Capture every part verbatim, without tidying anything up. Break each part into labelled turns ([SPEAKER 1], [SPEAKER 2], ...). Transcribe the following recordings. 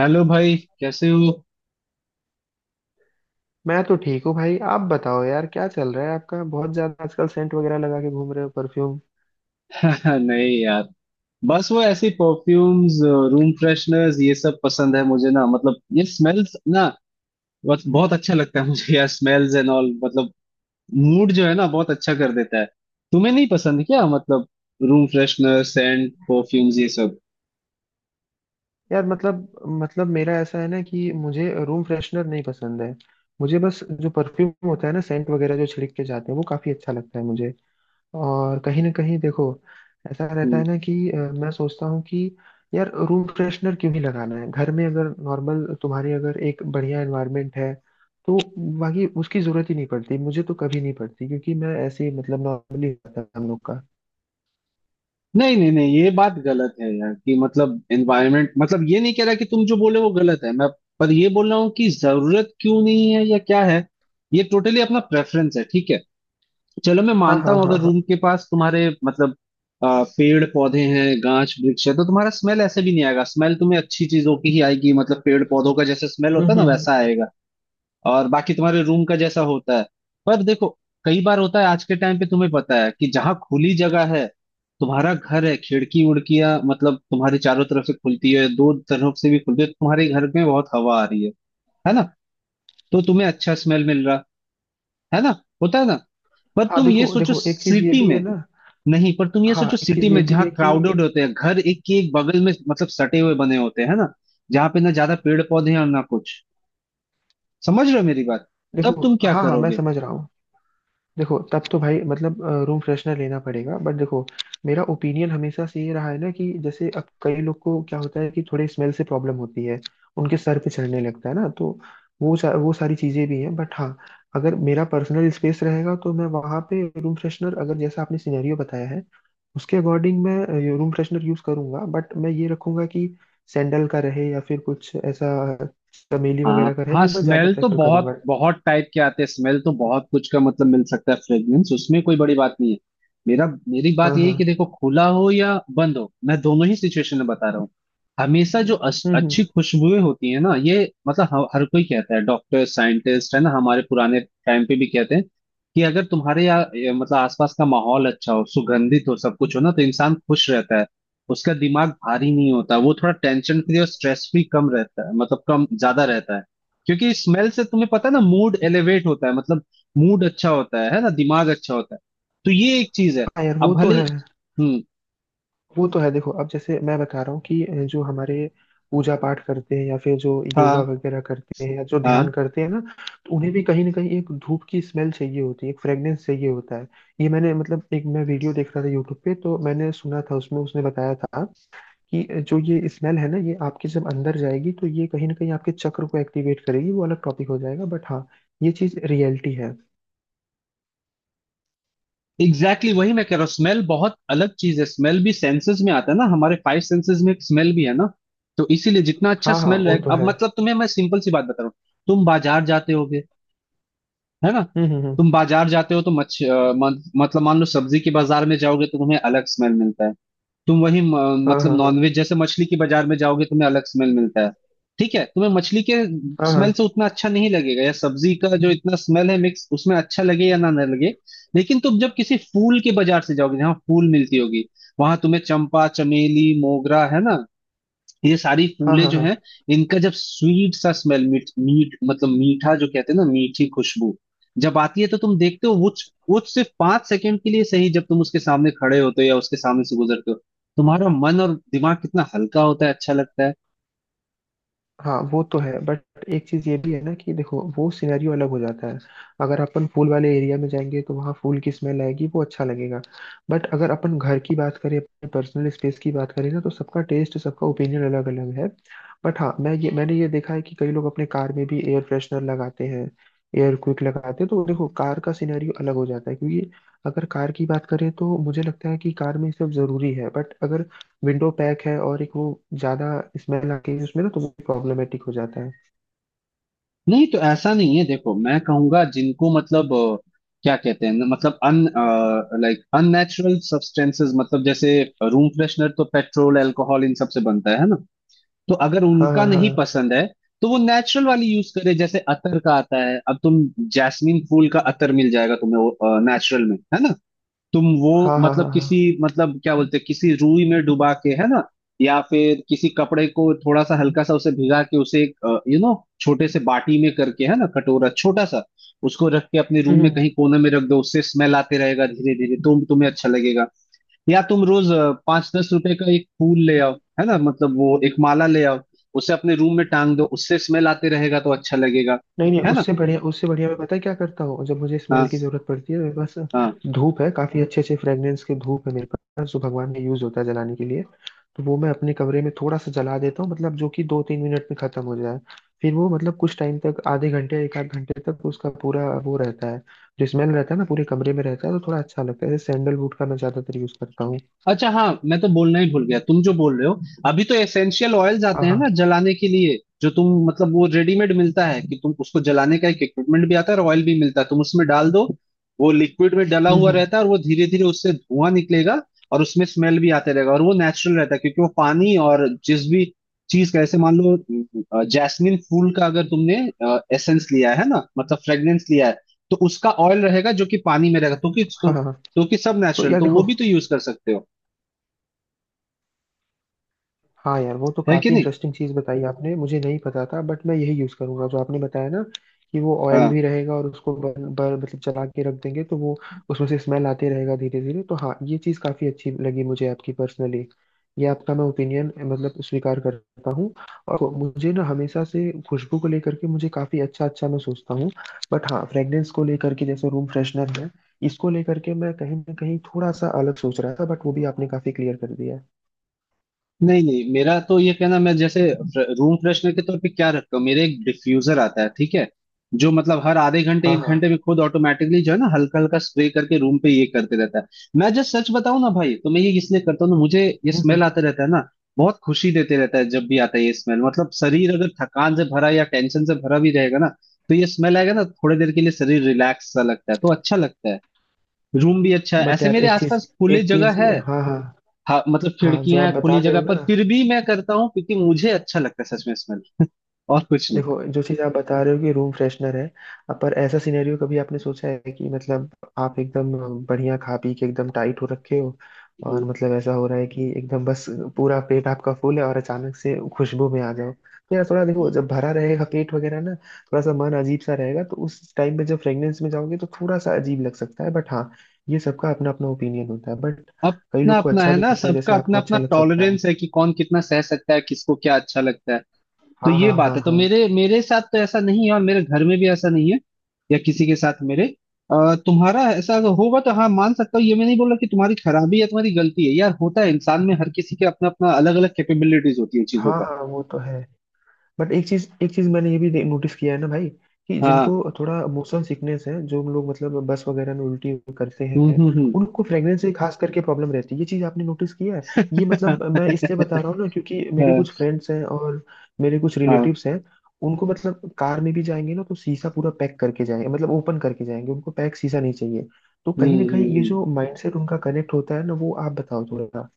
[SPEAKER 1] Hello भाई, कैसे हो?
[SPEAKER 2] मैं तो ठीक हूँ भाई। आप बताओ यार, क्या चल रहा है आपका? बहुत ज्यादा आजकल सेंट वगैरह लगा के घूम रहे हो, परफ्यूम।
[SPEAKER 1] नहीं यार, बस वो ऐसी परफ्यूम्स, रूम फ्रेशनर्स ये सब पसंद है मुझे ना। मतलब ये स्मेल्स ना, बस बहुत अच्छा लगता है मुझे यार। स्मेल्स एंड ऑल मतलब मूड जो है ना, बहुत अच्छा कर देता है। तुम्हें नहीं पसंद क्या? मतलब रूम फ्रेशनर, सेंट, परफ्यूम्स ये सब।
[SPEAKER 2] यार मतलब मतलब मेरा ऐसा है ना कि मुझे रूम फ्रेशनर नहीं पसंद है। मुझे बस जो परफ्यूम होता है ना, सेंट वगैरह जो छिड़क के जाते हैं, वो काफी अच्छा लगता है मुझे। और कहीं ना कहीं देखो, ऐसा रहता
[SPEAKER 1] हम्म।
[SPEAKER 2] है ना कि अ, मैं सोचता हूँ कि यार रूम फ्रेशनर क्यों ही लगाना है घर में? अगर नॉर्मल तुम्हारी अगर एक बढ़िया एनवायरनमेंट है तो बाकी उसकी जरूरत ही नहीं पड़ती। मुझे तो कभी नहीं पड़ती, क्योंकि मैं ऐसे ही, मतलब नॉर्मली रहता है हम लोग का।
[SPEAKER 1] नहीं नहीं नहीं, ये बात गलत है यार, कि मतलब एनवायरमेंट, मतलब ये नहीं कह रहा कि तुम जो बोले वो गलत है मैं। पर ये बोल रहा हूँ कि जरूरत क्यों नहीं है या क्या है। ये टोटली अपना प्रेफरेंस है, ठीक है। चलो, मैं
[SPEAKER 2] हाँ
[SPEAKER 1] मानता
[SPEAKER 2] हाँ
[SPEAKER 1] हूँ
[SPEAKER 2] हाँ
[SPEAKER 1] अगर
[SPEAKER 2] हाँ।
[SPEAKER 1] रूम के पास तुम्हारे मतलब आ, पेड़ पौधे हैं, गाछ वृक्ष है, तो तुम्हारा स्मेल ऐसे भी नहीं आएगा, स्मेल तुम्हें अच्छी चीजों की ही आएगी। मतलब पेड़ पौधों का जैसे स्मेल
[SPEAKER 2] हम्म
[SPEAKER 1] होता है ना,
[SPEAKER 2] हम्म
[SPEAKER 1] वैसा
[SPEAKER 2] हम्म।
[SPEAKER 1] आएगा। और बाकी तुम्हारे रूम का जैसा होता है। पर देखो, कई बार होता है आज के टाइम पे, तुम्हें पता है कि जहाँ खुली जगह है, तुम्हारा घर है, खिड़की उड़कियां मतलब तुम्हारे चारों तरफ से खुलती है, दो तरफ से भी खुलती है, तो तुम्हारे घर में बहुत हवा आ रही है है ना। तो तुम्हें अच्छा स्मेल मिल रहा, है ना, होता है ना। पर
[SPEAKER 2] हाँ
[SPEAKER 1] तुम ये
[SPEAKER 2] देखो
[SPEAKER 1] सोचो
[SPEAKER 2] देखो, एक चीज ये
[SPEAKER 1] सिटी
[SPEAKER 2] भी है
[SPEAKER 1] में।
[SPEAKER 2] ना।
[SPEAKER 1] नहीं, पर तुम ये
[SPEAKER 2] हाँ
[SPEAKER 1] सोचो
[SPEAKER 2] एक चीज
[SPEAKER 1] सिटी
[SPEAKER 2] ये
[SPEAKER 1] में
[SPEAKER 2] भी
[SPEAKER 1] जहाँ
[SPEAKER 2] है कि
[SPEAKER 1] क्राउडेड होते हैं घर, एक के एक बगल में मतलब सटे हुए बने होते हैं ना, जहाँ पे ना ज्यादा पेड़ पौधे हैं और ना कुछ। समझ रहे हो मेरी बात? तब
[SPEAKER 2] देखो।
[SPEAKER 1] तुम क्या
[SPEAKER 2] हाँ हाँ मैं
[SPEAKER 1] करोगे?
[SPEAKER 2] समझ रहा हूँ। देखो तब तो भाई मतलब रूम फ्रेशनर लेना पड़ेगा। बट देखो, मेरा ओपिनियन हमेशा से ये रहा है ना कि जैसे अब कई लोग को क्या होता है कि थोड़े स्मेल से प्रॉब्लम होती है, उनके सर पे चढ़ने लगता है ना। तो वो सा, वो सारी चीजें भी हैं। बट हाँ, अगर मेरा पर्सनल स्पेस रहेगा तो मैं वहां पे रूम फ्रेशनर, अगर जैसा आपने सिनेरियो बताया है उसके अकॉर्डिंग, मैं रूम फ्रेशनर यूज करूंगा। बट मैं ये रखूंगा कि सैंडल का रहे या फिर कुछ ऐसा, चमेली
[SPEAKER 1] हाँ
[SPEAKER 2] वगैरह का रहे,
[SPEAKER 1] हाँ,
[SPEAKER 2] वो मैं ज्यादा
[SPEAKER 1] स्मेल तो
[SPEAKER 2] प्रेफर
[SPEAKER 1] बहुत
[SPEAKER 2] करूंगा।
[SPEAKER 1] बहुत टाइप के आते हैं, स्मेल तो बहुत कुछ का मतलब मिल सकता है, फ्रेग्रेंस उसमें कोई बड़ी बात नहीं है। मेरा मेरी बात
[SPEAKER 2] हाँ
[SPEAKER 1] ये है कि
[SPEAKER 2] हाँ।
[SPEAKER 1] देखो, खुला हो या बंद हो, मैं दोनों ही सिचुएशन में बता रहा हूँ। हमेशा जो अस-
[SPEAKER 2] हम्म हम्म।
[SPEAKER 1] अच्छी खुशबुएं होती है ना, ये मतलब ह- हर कोई कहता है, डॉक्टर साइंटिस्ट है ना, हमारे पुराने टाइम पे भी कहते हैं कि अगर तुम्हारे यहाँ ये, मतलब आसपास का माहौल अच्छा हो, सुगंधित हो, सब कुछ हो ना, तो इंसान खुश रहता है। उसका दिमाग भारी नहीं होता, वो थोड़ा टेंशन फ्री और स्ट्रेस फ्री कम रहता है, मतलब कम ज्यादा रहता है। क्योंकि स्मेल से तुम्हें पता है ना, मूड एलिवेट होता है, मतलब मूड अच्छा होता है है ना, दिमाग अच्छा होता है। तो ये एक चीज है,
[SPEAKER 2] हाँ यार
[SPEAKER 1] अब
[SPEAKER 2] वो तो
[SPEAKER 1] भले।
[SPEAKER 2] है।
[SPEAKER 1] हम्म।
[SPEAKER 2] वो तो है। देखो अब जैसे मैं बता रहा हूँ कि जो हमारे पूजा पाठ करते हैं या फिर जो योगा
[SPEAKER 1] हाँ
[SPEAKER 2] वगैरह करते हैं या जो
[SPEAKER 1] हाँ,
[SPEAKER 2] ध्यान करते हैं ना, तो उन्हें भी कहीं ना कहीं एक धूप की स्मेल चाहिए होती है, एक फ्रेग्रेंस चाहिए होता है। ये मैंने, मतलब एक मैं वीडियो देख रहा था यूट्यूब पे, तो मैंने सुना था उसमें, उसने बताया था कि जो ये स्मेल है ना, ये आपके जब अंदर जाएगी तो ये कहीं ना कहीं आपके चक्र को एक्टिवेट करेगी। वो अलग टॉपिक हो जाएगा, बट हाँ, ये चीज रियलिटी है।
[SPEAKER 1] एग्जैक्टली exactly वही मैं कह रहा हूँ, स्मेल बहुत अलग चीज है, स्मेल भी सेंसेस में आता है ना, हमारे फाइव सेंसेस में एक स्मेल भी है ना। तो इसीलिए जितना अच्छा
[SPEAKER 2] हाँ हाँ
[SPEAKER 1] स्मेल
[SPEAKER 2] वो
[SPEAKER 1] रहे,
[SPEAKER 2] तो
[SPEAKER 1] अब
[SPEAKER 2] है।
[SPEAKER 1] मतलब तुम्हें मैं सिंपल सी बात बता रहा हूँ। तुम बाजार जाते हो, है ना।
[SPEAKER 2] हम्म हम्म हम्म।
[SPEAKER 1] तुम बाजार जाते हो तो मच्छ अ, मत, मतलब मान लो सब्जी के बाजार में जाओगे तो तुम्हें अलग स्मेल मिलता है। तुम वही म,
[SPEAKER 2] हाँ
[SPEAKER 1] मतलब
[SPEAKER 2] हाँ
[SPEAKER 1] नॉनवेज जैसे मछली के बाजार में जाओगे, तुम्हें अलग स्मेल मिलता है। ठीक है, तुम्हें मछली के
[SPEAKER 2] हाँ हाँ
[SPEAKER 1] स्मेल से
[SPEAKER 2] हाँ
[SPEAKER 1] उतना अच्छा नहीं लगेगा, या सब्जी का जो इतना स्मेल है मिक्स उसमें अच्छा लगे या ना ना लगे। लेकिन तुम जब किसी फूल के बाजार से जाओगे, जहाँ फूल मिलती होगी, वहां तुम्हें चंपा चमेली मोगरा है ना, ये सारी
[SPEAKER 2] हाँ
[SPEAKER 1] फूलें
[SPEAKER 2] हाँ
[SPEAKER 1] जो
[SPEAKER 2] हाँ।
[SPEAKER 1] हैं, इनका जब स्वीट सा स्मेल, मीठ मीठ मतलब मीठा जो कहते हैं ना, मीठी खुशबू जब आती है, तो तुम देखते हो वो वो सिर्फ पांच सेकंड के लिए सही, जब तुम उसके सामने खड़े होते हो या उसके सामने से गुजरते हो, तुम्हारा मन और दिमाग कितना हल्का होता है, अच्छा लगता है।
[SPEAKER 2] हाँ वो तो है। बट एक चीज ये भी है ना कि देखो, वो सिनेरियो अलग हो जाता है। अगर अपन फूल वाले एरिया में जाएंगे तो वहाँ फूल की स्मेल आएगी, वो अच्छा लगेगा। बट अगर अपन घर की बात करें, अपने पर्सनल स्पेस की बात करें ना, तो सबका टेस्ट, सबका ओपिनियन अलग अलग है। बट हाँ, मैं ये मैंने ये देखा है कि कई लोग अपने कार में भी एयर फ्रेशनर लगाते हैं, एयर क्विक लगाते हैं। तो देखो, कार का सिनेरियो अलग हो जाता है, क्योंकि अगर कार की बात करें तो मुझे लगता है कि कार में ये सब जरूरी है। बट अगर विंडो पैक है और एक वो ज्यादा स्मेल आती है उसमें ना, तो वो प्रॉब्लमेटिक हो जाता है।
[SPEAKER 1] नहीं तो ऐसा नहीं है, देखो मैं कहूंगा जिनको मतलब अ, क्या कहते हैं ना, मतलब अन लाइक अननेचुरल सब्सटेंसेस, मतलब जैसे रूम फ्रेशनर तो पेट्रोल अल्कोहल इन सब से बनता है ना। तो अगर
[SPEAKER 2] हाँ हाँ
[SPEAKER 1] उनका नहीं
[SPEAKER 2] हाँ
[SPEAKER 1] पसंद है, तो वो नेचुरल वाली यूज करे, जैसे अतर का आता है। अब तुम जैस्मिन फूल का अतर मिल जाएगा तुम्हें, वो नेचुरल में है ना। तुम वो,
[SPEAKER 2] हाँ हाँ
[SPEAKER 1] मतलब
[SPEAKER 2] हाँ हाँ।
[SPEAKER 1] किसी, मतलब क्या बोलते हैं, किसी रूई में डुबा के है ना, या फिर किसी कपड़े को थोड़ा सा हल्का सा उसे भिगा के, उसे एक यू नो छोटे से बाटी में करके, है ना, कटोरा छोटा सा, उसको रख के अपने रूम में
[SPEAKER 2] हम्म।
[SPEAKER 1] कहीं कोने में रख दो, उससे स्मेल आते रहेगा धीरे धीरे, तो तुम्हें अच्छा लगेगा। या तुम रोज अ, पाँच दस रुपए का एक फूल ले आओ, है ना, मतलब वो एक माला ले आओ, उसे अपने रूम में टांग दो, उससे स्मेल आते रहेगा तो अच्छा लगेगा।
[SPEAKER 2] नहीं नहीं,
[SPEAKER 1] है ना।
[SPEAKER 2] उससे बढ़िया उससे बढ़िया मैं, पता है क्या करता हूँ जब मुझे
[SPEAKER 1] हाँ
[SPEAKER 2] स्मेल की जरूरत पड़ती है? मेरे पास
[SPEAKER 1] हाँ।
[SPEAKER 2] धूप है, काफी अच्छे अच्छे फ्रेग्रेंस के धूप है मेरे पास, जो भगवान में यूज होता है जलाने के लिए। तो वो मैं अपने कमरे में थोड़ा सा जला देता हूँ, मतलब जो कि दो तीन मिनट में खत्म हो जाए। फिर वो, मतलब कुछ टाइम तक, आधे घंटे एक आध घंटे तक उसका पूरा वो रहता है, जो स्मेल रहता है ना पूरे कमरे में रहता है, तो थोड़ा अच्छा लगता है। सैंडलवुड का मैं ज्यादातर यूज करता हूँ।
[SPEAKER 1] अच्छा, हाँ, मैं तो बोलना ही भूल गया, तुम जो बोल रहे हो। अभी तो एसेंशियल ऑयल्स आते
[SPEAKER 2] हाँ
[SPEAKER 1] हैं
[SPEAKER 2] हाँ।
[SPEAKER 1] ना जलाने के लिए, जो तुम मतलब वो रेडीमेड मिलता है कि तुम उसको जलाने का एक इक्विपमेंट भी आता है और ऑयल भी मिलता है, तुम उसमें डाल दो। वो लिक्विड में डला
[SPEAKER 2] हम्म
[SPEAKER 1] हुआ
[SPEAKER 2] हम्म।
[SPEAKER 1] रहता है, और वो धीरे धीरे उससे धुआं निकलेगा। और उसमें स्मेल भी आते रहेगा, और वो नेचुरल रहता है क्योंकि वो पानी और जिस भी चीज का, ऐसे मान लो जैस्मिन फूल का अगर तुमने एसेंस लिया है ना, मतलब फ्रेग्रेंस लिया है, तो उसका ऑयल रहेगा जो कि पानी में रहेगा, तो कि तो,
[SPEAKER 2] हाँ हाँ हाँ।
[SPEAKER 1] तो कि सब
[SPEAKER 2] तो
[SPEAKER 1] नेचुरल,
[SPEAKER 2] यार
[SPEAKER 1] तो वो
[SPEAKER 2] देखो,
[SPEAKER 1] भी तो यूज कर सकते हो,
[SPEAKER 2] हाँ यार, वो तो
[SPEAKER 1] है कि
[SPEAKER 2] काफी
[SPEAKER 1] नहीं।
[SPEAKER 2] इंटरेस्टिंग चीज बताई आपने, मुझे नहीं पता था। बट मैं यही यूज करूंगा जो आपने बताया ना, कि वो ऑयल
[SPEAKER 1] हाँ।
[SPEAKER 2] भी रहेगा और उसको बर्न बर मतलब जला के रख देंगे तो वो उसमें से स्मेल आते रहेगा धीरे धीरे। तो हाँ, ये चीज काफी अच्छी लगी मुझे आपकी पर्सनली। ये आपका मैं ओपिनियन मतलब स्वीकार करता हूँ। और मुझे ना हमेशा से खुशबू को लेकर के मुझे काफी अच्छा अच्छा मैं सोचता हूँ। बट हाँ, फ्रेग्रेंस को लेकर के जैसे रूम फ्रेशनर है, इसको लेकर के मैं कहीं ना कहीं थोड़ा सा अलग सोच रहा था, बट वो भी आपने काफी क्लियर कर दिया है।
[SPEAKER 1] नहीं नहीं, मेरा तो ये कहना, मैं जैसे रूम फ्रेशनर के तौर पे क्या रखता हूँ, मेरे एक डिफ्यूजर आता है, ठीक है, जो मतलब हर आधे घंटे
[SPEAKER 2] हाँ
[SPEAKER 1] एक घंटे
[SPEAKER 2] हाँ।
[SPEAKER 1] में खुद ऑटोमेटिकली जो है ना, हल्का हल्का स्प्रे करके रूम पे ये करते रहता है। मैं जब सच बताऊं ना भाई, तो मैं ये इसलिए करता हूँ ना, मुझे ये
[SPEAKER 2] हम्म।
[SPEAKER 1] स्मेल
[SPEAKER 2] हम्म।
[SPEAKER 1] आता रहता है ना, बहुत खुशी देते रहता है। जब भी आता है ये स्मेल, मतलब शरीर अगर थकान से भरा या टेंशन से भरा भी रहेगा ना, तो ये स्मेल आएगा ना, थोड़ी देर के लिए शरीर रिलैक्स सा लगता है, तो अच्छा लगता है। रूम भी अच्छा है,
[SPEAKER 2] बट
[SPEAKER 1] ऐसे
[SPEAKER 2] यार
[SPEAKER 1] मेरे
[SPEAKER 2] एक चीज,
[SPEAKER 1] आसपास खुली
[SPEAKER 2] एक चीज।
[SPEAKER 1] जगह है।
[SPEAKER 2] हाँ हाँ
[SPEAKER 1] हाँ, मतलब
[SPEAKER 2] हाँ। जो
[SPEAKER 1] खिड़कियां
[SPEAKER 2] आप बता
[SPEAKER 1] खुली
[SPEAKER 2] रहे
[SPEAKER 1] जगह
[SPEAKER 2] हो
[SPEAKER 1] पर
[SPEAKER 2] ना,
[SPEAKER 1] फिर भी मैं करता हूँ, क्योंकि मुझे अच्छा लगता है सच में स्मेल, और कुछ नहीं।
[SPEAKER 2] देखो जो चीज आप बता रहे हो कि रूम फ्रेशनर है, अब पर ऐसा सिनेरियो कभी आपने सोचा है कि मतलब आप एकदम बढ़िया खा पी के एकदम टाइट हो रखे हो,
[SPEAKER 1] हम्म।
[SPEAKER 2] और मतलब ऐसा हो रहा है कि एकदम बस पूरा पेट आपका फुल है, और अचानक से खुशबू में आ जाओ, तो यार थोड़ा, देखो जब भरा रहेगा पेट वगैरह ना, थोड़ा सा मन अजीब सा रहेगा, तो उस टाइम पे जब फ्रेग्रेंस में जाओगे तो थोड़ा सा अजीब लग सकता है। बट हाँ, ये सबका अपना अपना ओपिनियन होता है। बट कई
[SPEAKER 1] अपना
[SPEAKER 2] लोग को
[SPEAKER 1] अपना
[SPEAKER 2] अच्छा
[SPEAKER 1] है
[SPEAKER 2] भी
[SPEAKER 1] ना,
[SPEAKER 2] लगता है,
[SPEAKER 1] सबका
[SPEAKER 2] जैसे
[SPEAKER 1] अपना
[SPEAKER 2] आपको
[SPEAKER 1] अपना
[SPEAKER 2] अच्छा लग सकता है।
[SPEAKER 1] टॉलरेंस है कि कौन कितना सह सकता है, किसको क्या अच्छा लगता है। तो
[SPEAKER 2] हाँ हाँ
[SPEAKER 1] ये बात
[SPEAKER 2] हाँ
[SPEAKER 1] है। तो
[SPEAKER 2] हाँ।
[SPEAKER 1] मेरे मेरे साथ तो ऐसा नहीं है, और मेरे घर में भी ऐसा नहीं है या किसी के साथ मेरे। अ, तुम्हारा ऐसा अगर होगा तो हाँ मान सकता हूँ, ये मैं नहीं बोल रहा कि तुम्हारी खराबी या तुम्हारी गलती है यार। होता है इंसान में, हर किसी के अपना अपना अलग अलग कैपेबिलिटीज होती है चीजों
[SPEAKER 2] हाँ हाँ वो तो है। बट एक चीज, एक चीज मैंने ये भी नोटिस किया है ना भाई, कि
[SPEAKER 1] का। हाँ।
[SPEAKER 2] जिनको थोड़ा मोशन सिकनेस है, जो हम लोग मतलब बस वगैरह में उल्टी करते
[SPEAKER 1] हम्म
[SPEAKER 2] हैं,
[SPEAKER 1] हम्म
[SPEAKER 2] उनको फ्रेग्रेंस से खास करके प्रॉब्लम रहती है। ये चीज आपने नोटिस किया है? ये
[SPEAKER 1] हम्म।
[SPEAKER 2] मतलब मैं इसलिए बता रहा हूँ ना, क्योंकि मेरे
[SPEAKER 1] हाँ
[SPEAKER 2] कुछ फ्रेंड्स हैं और मेरे कुछ
[SPEAKER 1] हाँ।
[SPEAKER 2] रिलेटिव्स हैं। उनको मतलब कार में भी जाएंगे ना तो शीशा पूरा पैक करके जाएंगे, मतलब ओपन करके जाएंगे, उनको पैक शीशा नहीं चाहिए। तो
[SPEAKER 1] हम्म
[SPEAKER 2] कहीं ना कहीं
[SPEAKER 1] हम्म,
[SPEAKER 2] ये जो
[SPEAKER 1] हम्म।
[SPEAKER 2] माइंडसेट उनका कनेक्ट होता है ना, वो आप बताओ थोड़ा।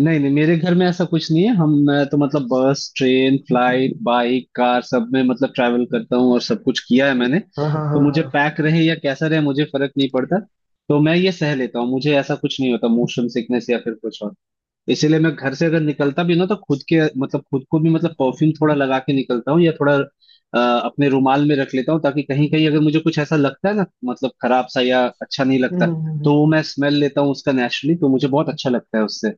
[SPEAKER 1] नहीं नहीं, मेरे घर में ऐसा कुछ नहीं है। हम मैं तो मतलब bus train flight bike car सब में मतलब ट्रैवल करता हूँ, और सब कुछ किया है मैंने,
[SPEAKER 2] हाँ हाँ
[SPEAKER 1] तो
[SPEAKER 2] हाँ
[SPEAKER 1] मुझे
[SPEAKER 2] हाँ।
[SPEAKER 1] पैक रहे या कैसा रहे मुझे फर्क नहीं पड़ता। तो मैं ये सह लेता हूँ, मुझे ऐसा कुछ नहीं होता, मोशन सिकनेस या फिर कुछ और। इसीलिए मैं घर से अगर निकलता भी ना, तो खुद के मतलब खुद को भी मतलब परफ्यूम थोड़ा लगा के निकलता हूँ, या थोड़ा अ, अपने रुमाल में रख लेता हूँ, ताकि कहीं कहीं अगर मुझे कुछ ऐसा लगता है ना, मतलब खराब सा या अच्छा नहीं
[SPEAKER 2] हम्म,
[SPEAKER 1] लगता,
[SPEAKER 2] हम्म, हम्म,
[SPEAKER 1] तो
[SPEAKER 2] हम्म।
[SPEAKER 1] वो मैं स्मेल लेता हूँ उसका नेचुरली, तो मुझे बहुत अच्छा लगता है उससे,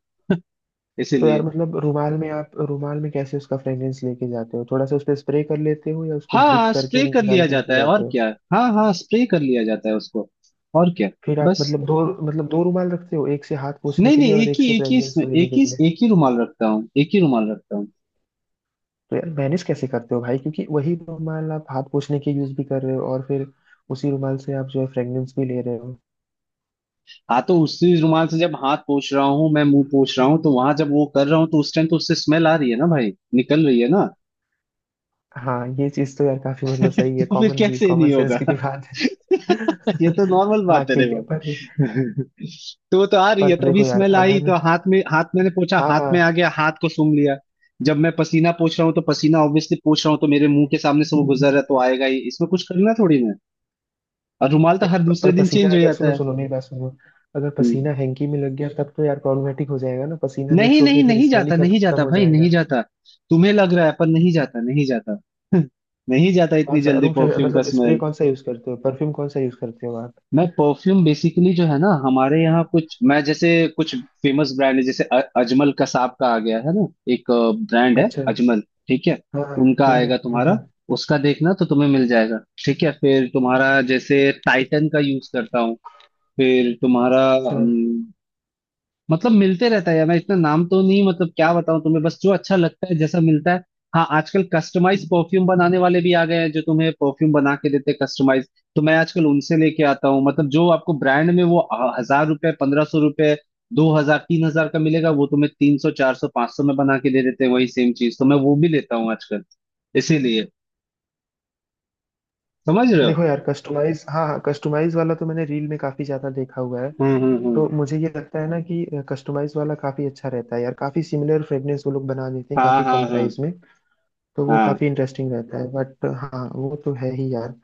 [SPEAKER 2] तो यार
[SPEAKER 1] इसीलिए।
[SPEAKER 2] मतलब रुमाल में, आप रुमाल में कैसे उसका फ्रेग्रेंस लेके जाते हो? थोड़ा सा उस पे स्प्रे कर लेते हो, या उसको डिप
[SPEAKER 1] हाँ,
[SPEAKER 2] करके
[SPEAKER 1] स्प्रे कर
[SPEAKER 2] निकाल
[SPEAKER 1] लिया
[SPEAKER 2] के लेके
[SPEAKER 1] जाता है, और
[SPEAKER 2] जाते हो?
[SPEAKER 1] क्या। हाँ हाँ, स्प्रे कर लिया जाता है उसको, और क्या,
[SPEAKER 2] फिर आप
[SPEAKER 1] बस।
[SPEAKER 2] मतलब दो, मतलब दो रुमाल रखते हो, एक से हाथ पोछने
[SPEAKER 1] नहीं
[SPEAKER 2] के लिए
[SPEAKER 1] नहीं,
[SPEAKER 2] और
[SPEAKER 1] एक
[SPEAKER 2] एक
[SPEAKER 1] ही,
[SPEAKER 2] से
[SPEAKER 1] एक ही।
[SPEAKER 2] फ्रेग्रेंस को लेने
[SPEAKER 1] एक ही,
[SPEAKER 2] के लिए?
[SPEAKER 1] एक ही रुमाल रखता हूँ, एक ही रुमाल रखता हूँ।
[SPEAKER 2] तो यार मैनेज कैसे करते हो भाई, क्योंकि वही रुमाल आप हाथ पोछने के यूज भी कर रहे हो और फिर उसी रुमाल से आप जो है फ्रेग्रेंस भी ले रहे हो।
[SPEAKER 1] हाँ, तो उसी रुमाल से जब हाथ पोछ रहा हूँ मैं, मुंह पोछ रहा हूँ, तो वहां जब वो कर रहा हूँ तो उस टाइम तो उससे स्मेल आ रही है ना भाई, निकल रही है ना।
[SPEAKER 2] हाँ ये चीज तो यार काफी मतलब सही है,
[SPEAKER 1] तो फिर
[SPEAKER 2] कॉमन भी,
[SPEAKER 1] कैसे ये
[SPEAKER 2] कॉमन
[SPEAKER 1] नहीं
[SPEAKER 2] सेंस
[SPEAKER 1] होगा?
[SPEAKER 2] की भी बात है।
[SPEAKER 1] ये तो नॉर्मल
[SPEAKER 2] हाँ
[SPEAKER 1] बात है रे
[SPEAKER 2] ठीक है पर।
[SPEAKER 1] भाई। तो वो तो आ रही
[SPEAKER 2] पर
[SPEAKER 1] है, तभी
[SPEAKER 2] देखो यार,
[SPEAKER 1] स्मेल आई
[SPEAKER 2] अगर
[SPEAKER 1] तो हाथ में, हाथ मैंने पोछा,
[SPEAKER 2] हाँ
[SPEAKER 1] हाथ में आ
[SPEAKER 2] हाँ।
[SPEAKER 1] गया, हाथ को सूंघ लिया। जब मैं पसीना पोछ रहा हूँ तो पसीना ऑब्वियसली पोछ रहा हूँ, तो मेरे मुंह के सामने से वो गुजर रहा है तो आएगा ही, इसमें कुछ करना थोड़ी ना है। और रुमाल तो हर
[SPEAKER 2] प- पर
[SPEAKER 1] दूसरे दिन
[SPEAKER 2] पसीना
[SPEAKER 1] चेंज हो
[SPEAKER 2] अगर,
[SPEAKER 1] जाता
[SPEAKER 2] सुनो
[SPEAKER 1] है।
[SPEAKER 2] सुनो मेरी बात सुनो, अगर
[SPEAKER 1] हम्म।
[SPEAKER 2] पसीना हैंकी में लग गया, तब तो यार प्रॉब्लमेटिक हो जाएगा ना, पसीना मिक्स
[SPEAKER 1] नहीं नहीं,
[SPEAKER 2] होके फिर
[SPEAKER 1] नहीं
[SPEAKER 2] स्मेल ही
[SPEAKER 1] जाता, नहीं
[SPEAKER 2] खत्म
[SPEAKER 1] जाता
[SPEAKER 2] हो
[SPEAKER 1] भाई, नहीं
[SPEAKER 2] जाएगा।
[SPEAKER 1] जाता। तुम्हें लग रहा है, पर नहीं जाता, नहीं जाता, नहीं जाता
[SPEAKER 2] कौन
[SPEAKER 1] इतनी
[SPEAKER 2] सा
[SPEAKER 1] जल्दी
[SPEAKER 2] रूम फ्रेश
[SPEAKER 1] परफ्यूम का
[SPEAKER 2] मतलब स्प्रे
[SPEAKER 1] स्मेल।
[SPEAKER 2] कौन सा यूज करते हो, परफ्यूम कौन सा यूज करते हो आप?
[SPEAKER 1] मैं परफ्यूम बेसिकली जो है ना, हमारे यहाँ कुछ, मैं जैसे कुछ फेमस ब्रांड है जैसे अ- अजमल कसाब का आ गया है ना, एक ब्रांड है
[SPEAKER 2] अच्छा।
[SPEAKER 1] अजमल, ठीक है,
[SPEAKER 2] हाँ।
[SPEAKER 1] उनका
[SPEAKER 2] हम्म हम्म,
[SPEAKER 1] आएगा तुम्हारा,
[SPEAKER 2] हम्म।
[SPEAKER 1] उसका देखना तो तुम्हें मिल जाएगा। ठीक है, फिर तुम्हारा जैसे टाइटन का यूज करता हूँ, फिर तुम्हारा,
[SPEAKER 2] अच्छा।
[SPEAKER 1] मतलब मिलते रहता है यार, मैं इतना नाम तो नहीं, मतलब क्या बताऊं तुम्हें, बस जो अच्छा लगता है जैसा मिलता है। हाँ, आजकल कस्टमाइज परफ्यूम बनाने वाले भी आ गए हैं, जो तुम्हें परफ्यूम बना के देते हैं कस्टमाइज। तो मैं आजकल उनसे लेके आता हूँ, मतलब जो आपको ब्रांड में वो अ, हजार रुपए पंद्रह सौ रुपए दो हजार तीन हजार का मिलेगा, वो तुम्हें तीन सौ चार सौ पांच सौ में बना के दे देते हैं, वही सेम चीज, तो मैं वो भी लेता हूँ आजकल, इसीलिए। समझ रहे हो।
[SPEAKER 2] देखो यार कस्टमाइज, हाँ हाँ, कस्टमाइज वाला तो मैंने रील में काफी ज्यादा देखा हुआ है।
[SPEAKER 1] हम्म हम्म हम्म।
[SPEAKER 2] तो मुझे ये लगता है ना कि कस्टमाइज वाला काफी अच्छा रहता है यार, काफी सिमिलर फ्रेग्रेंस वो लोग बना देते हैं
[SPEAKER 1] हाँ
[SPEAKER 2] काफी
[SPEAKER 1] हाँ
[SPEAKER 2] कम
[SPEAKER 1] हाँ
[SPEAKER 2] प्राइस में। तो वो
[SPEAKER 1] हाँ
[SPEAKER 2] काफी इंटरेस्टिंग रहता है। बट हाँ वो तो है ही यार।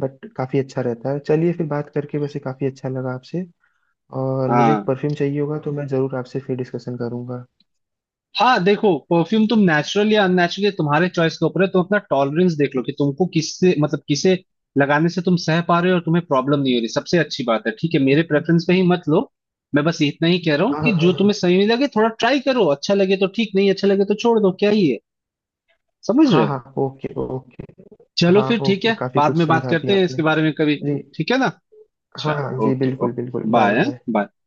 [SPEAKER 2] बट काफी अच्छा रहता है। चलिए फिर, बात करके वैसे काफी अच्छा लगा आपसे। और मुझे
[SPEAKER 1] हाँ
[SPEAKER 2] परफ्यूम चाहिए होगा तो मैं जरूर आपसे फिर डिस्कशन करूंगा।
[SPEAKER 1] हाँ। देखो परफ्यूम तुम नेचुरल या अननेचुरल, तुम्हारे चॉइस के ऊपर है, तुम अपना टॉलरेंस देख लो कि तुमको किससे मतलब किसे लगाने से तुम सह पा रहे हो, और तुम्हें प्रॉब्लम नहीं हो रही, सबसे अच्छी बात है, ठीक है। मेरे प्रेफरेंस पे ही मत लो। मैं बस इतना ही कह रहा हूँ
[SPEAKER 2] हाँ
[SPEAKER 1] कि
[SPEAKER 2] हाँ
[SPEAKER 1] जो
[SPEAKER 2] हाँ
[SPEAKER 1] तुम्हें सही लगे थोड़ा ट्राई करो, अच्छा लगे तो ठीक, नहीं अच्छा लगे तो छोड़ दो, क्या ही है। समझ रहे
[SPEAKER 2] हाँ
[SPEAKER 1] हो।
[SPEAKER 2] हाँ हाँ। Okay okay.
[SPEAKER 1] चलो
[SPEAKER 2] हाँ
[SPEAKER 1] फिर, ठीक है,
[SPEAKER 2] ओके, काफी
[SPEAKER 1] बाद
[SPEAKER 2] कुछ
[SPEAKER 1] में बात
[SPEAKER 2] समझा दिया
[SPEAKER 1] करते हैं इसके
[SPEAKER 2] आपने।
[SPEAKER 1] बारे में कभी।
[SPEAKER 2] जी।
[SPEAKER 1] ठीक है ना?
[SPEAKER 2] हाँ
[SPEAKER 1] अच्छा,
[SPEAKER 2] हाँ जी
[SPEAKER 1] ओके
[SPEAKER 2] बिल्कुल
[SPEAKER 1] ओके।
[SPEAKER 2] बिल्कुल, बाय
[SPEAKER 1] बाय
[SPEAKER 2] बाय।
[SPEAKER 1] बाय।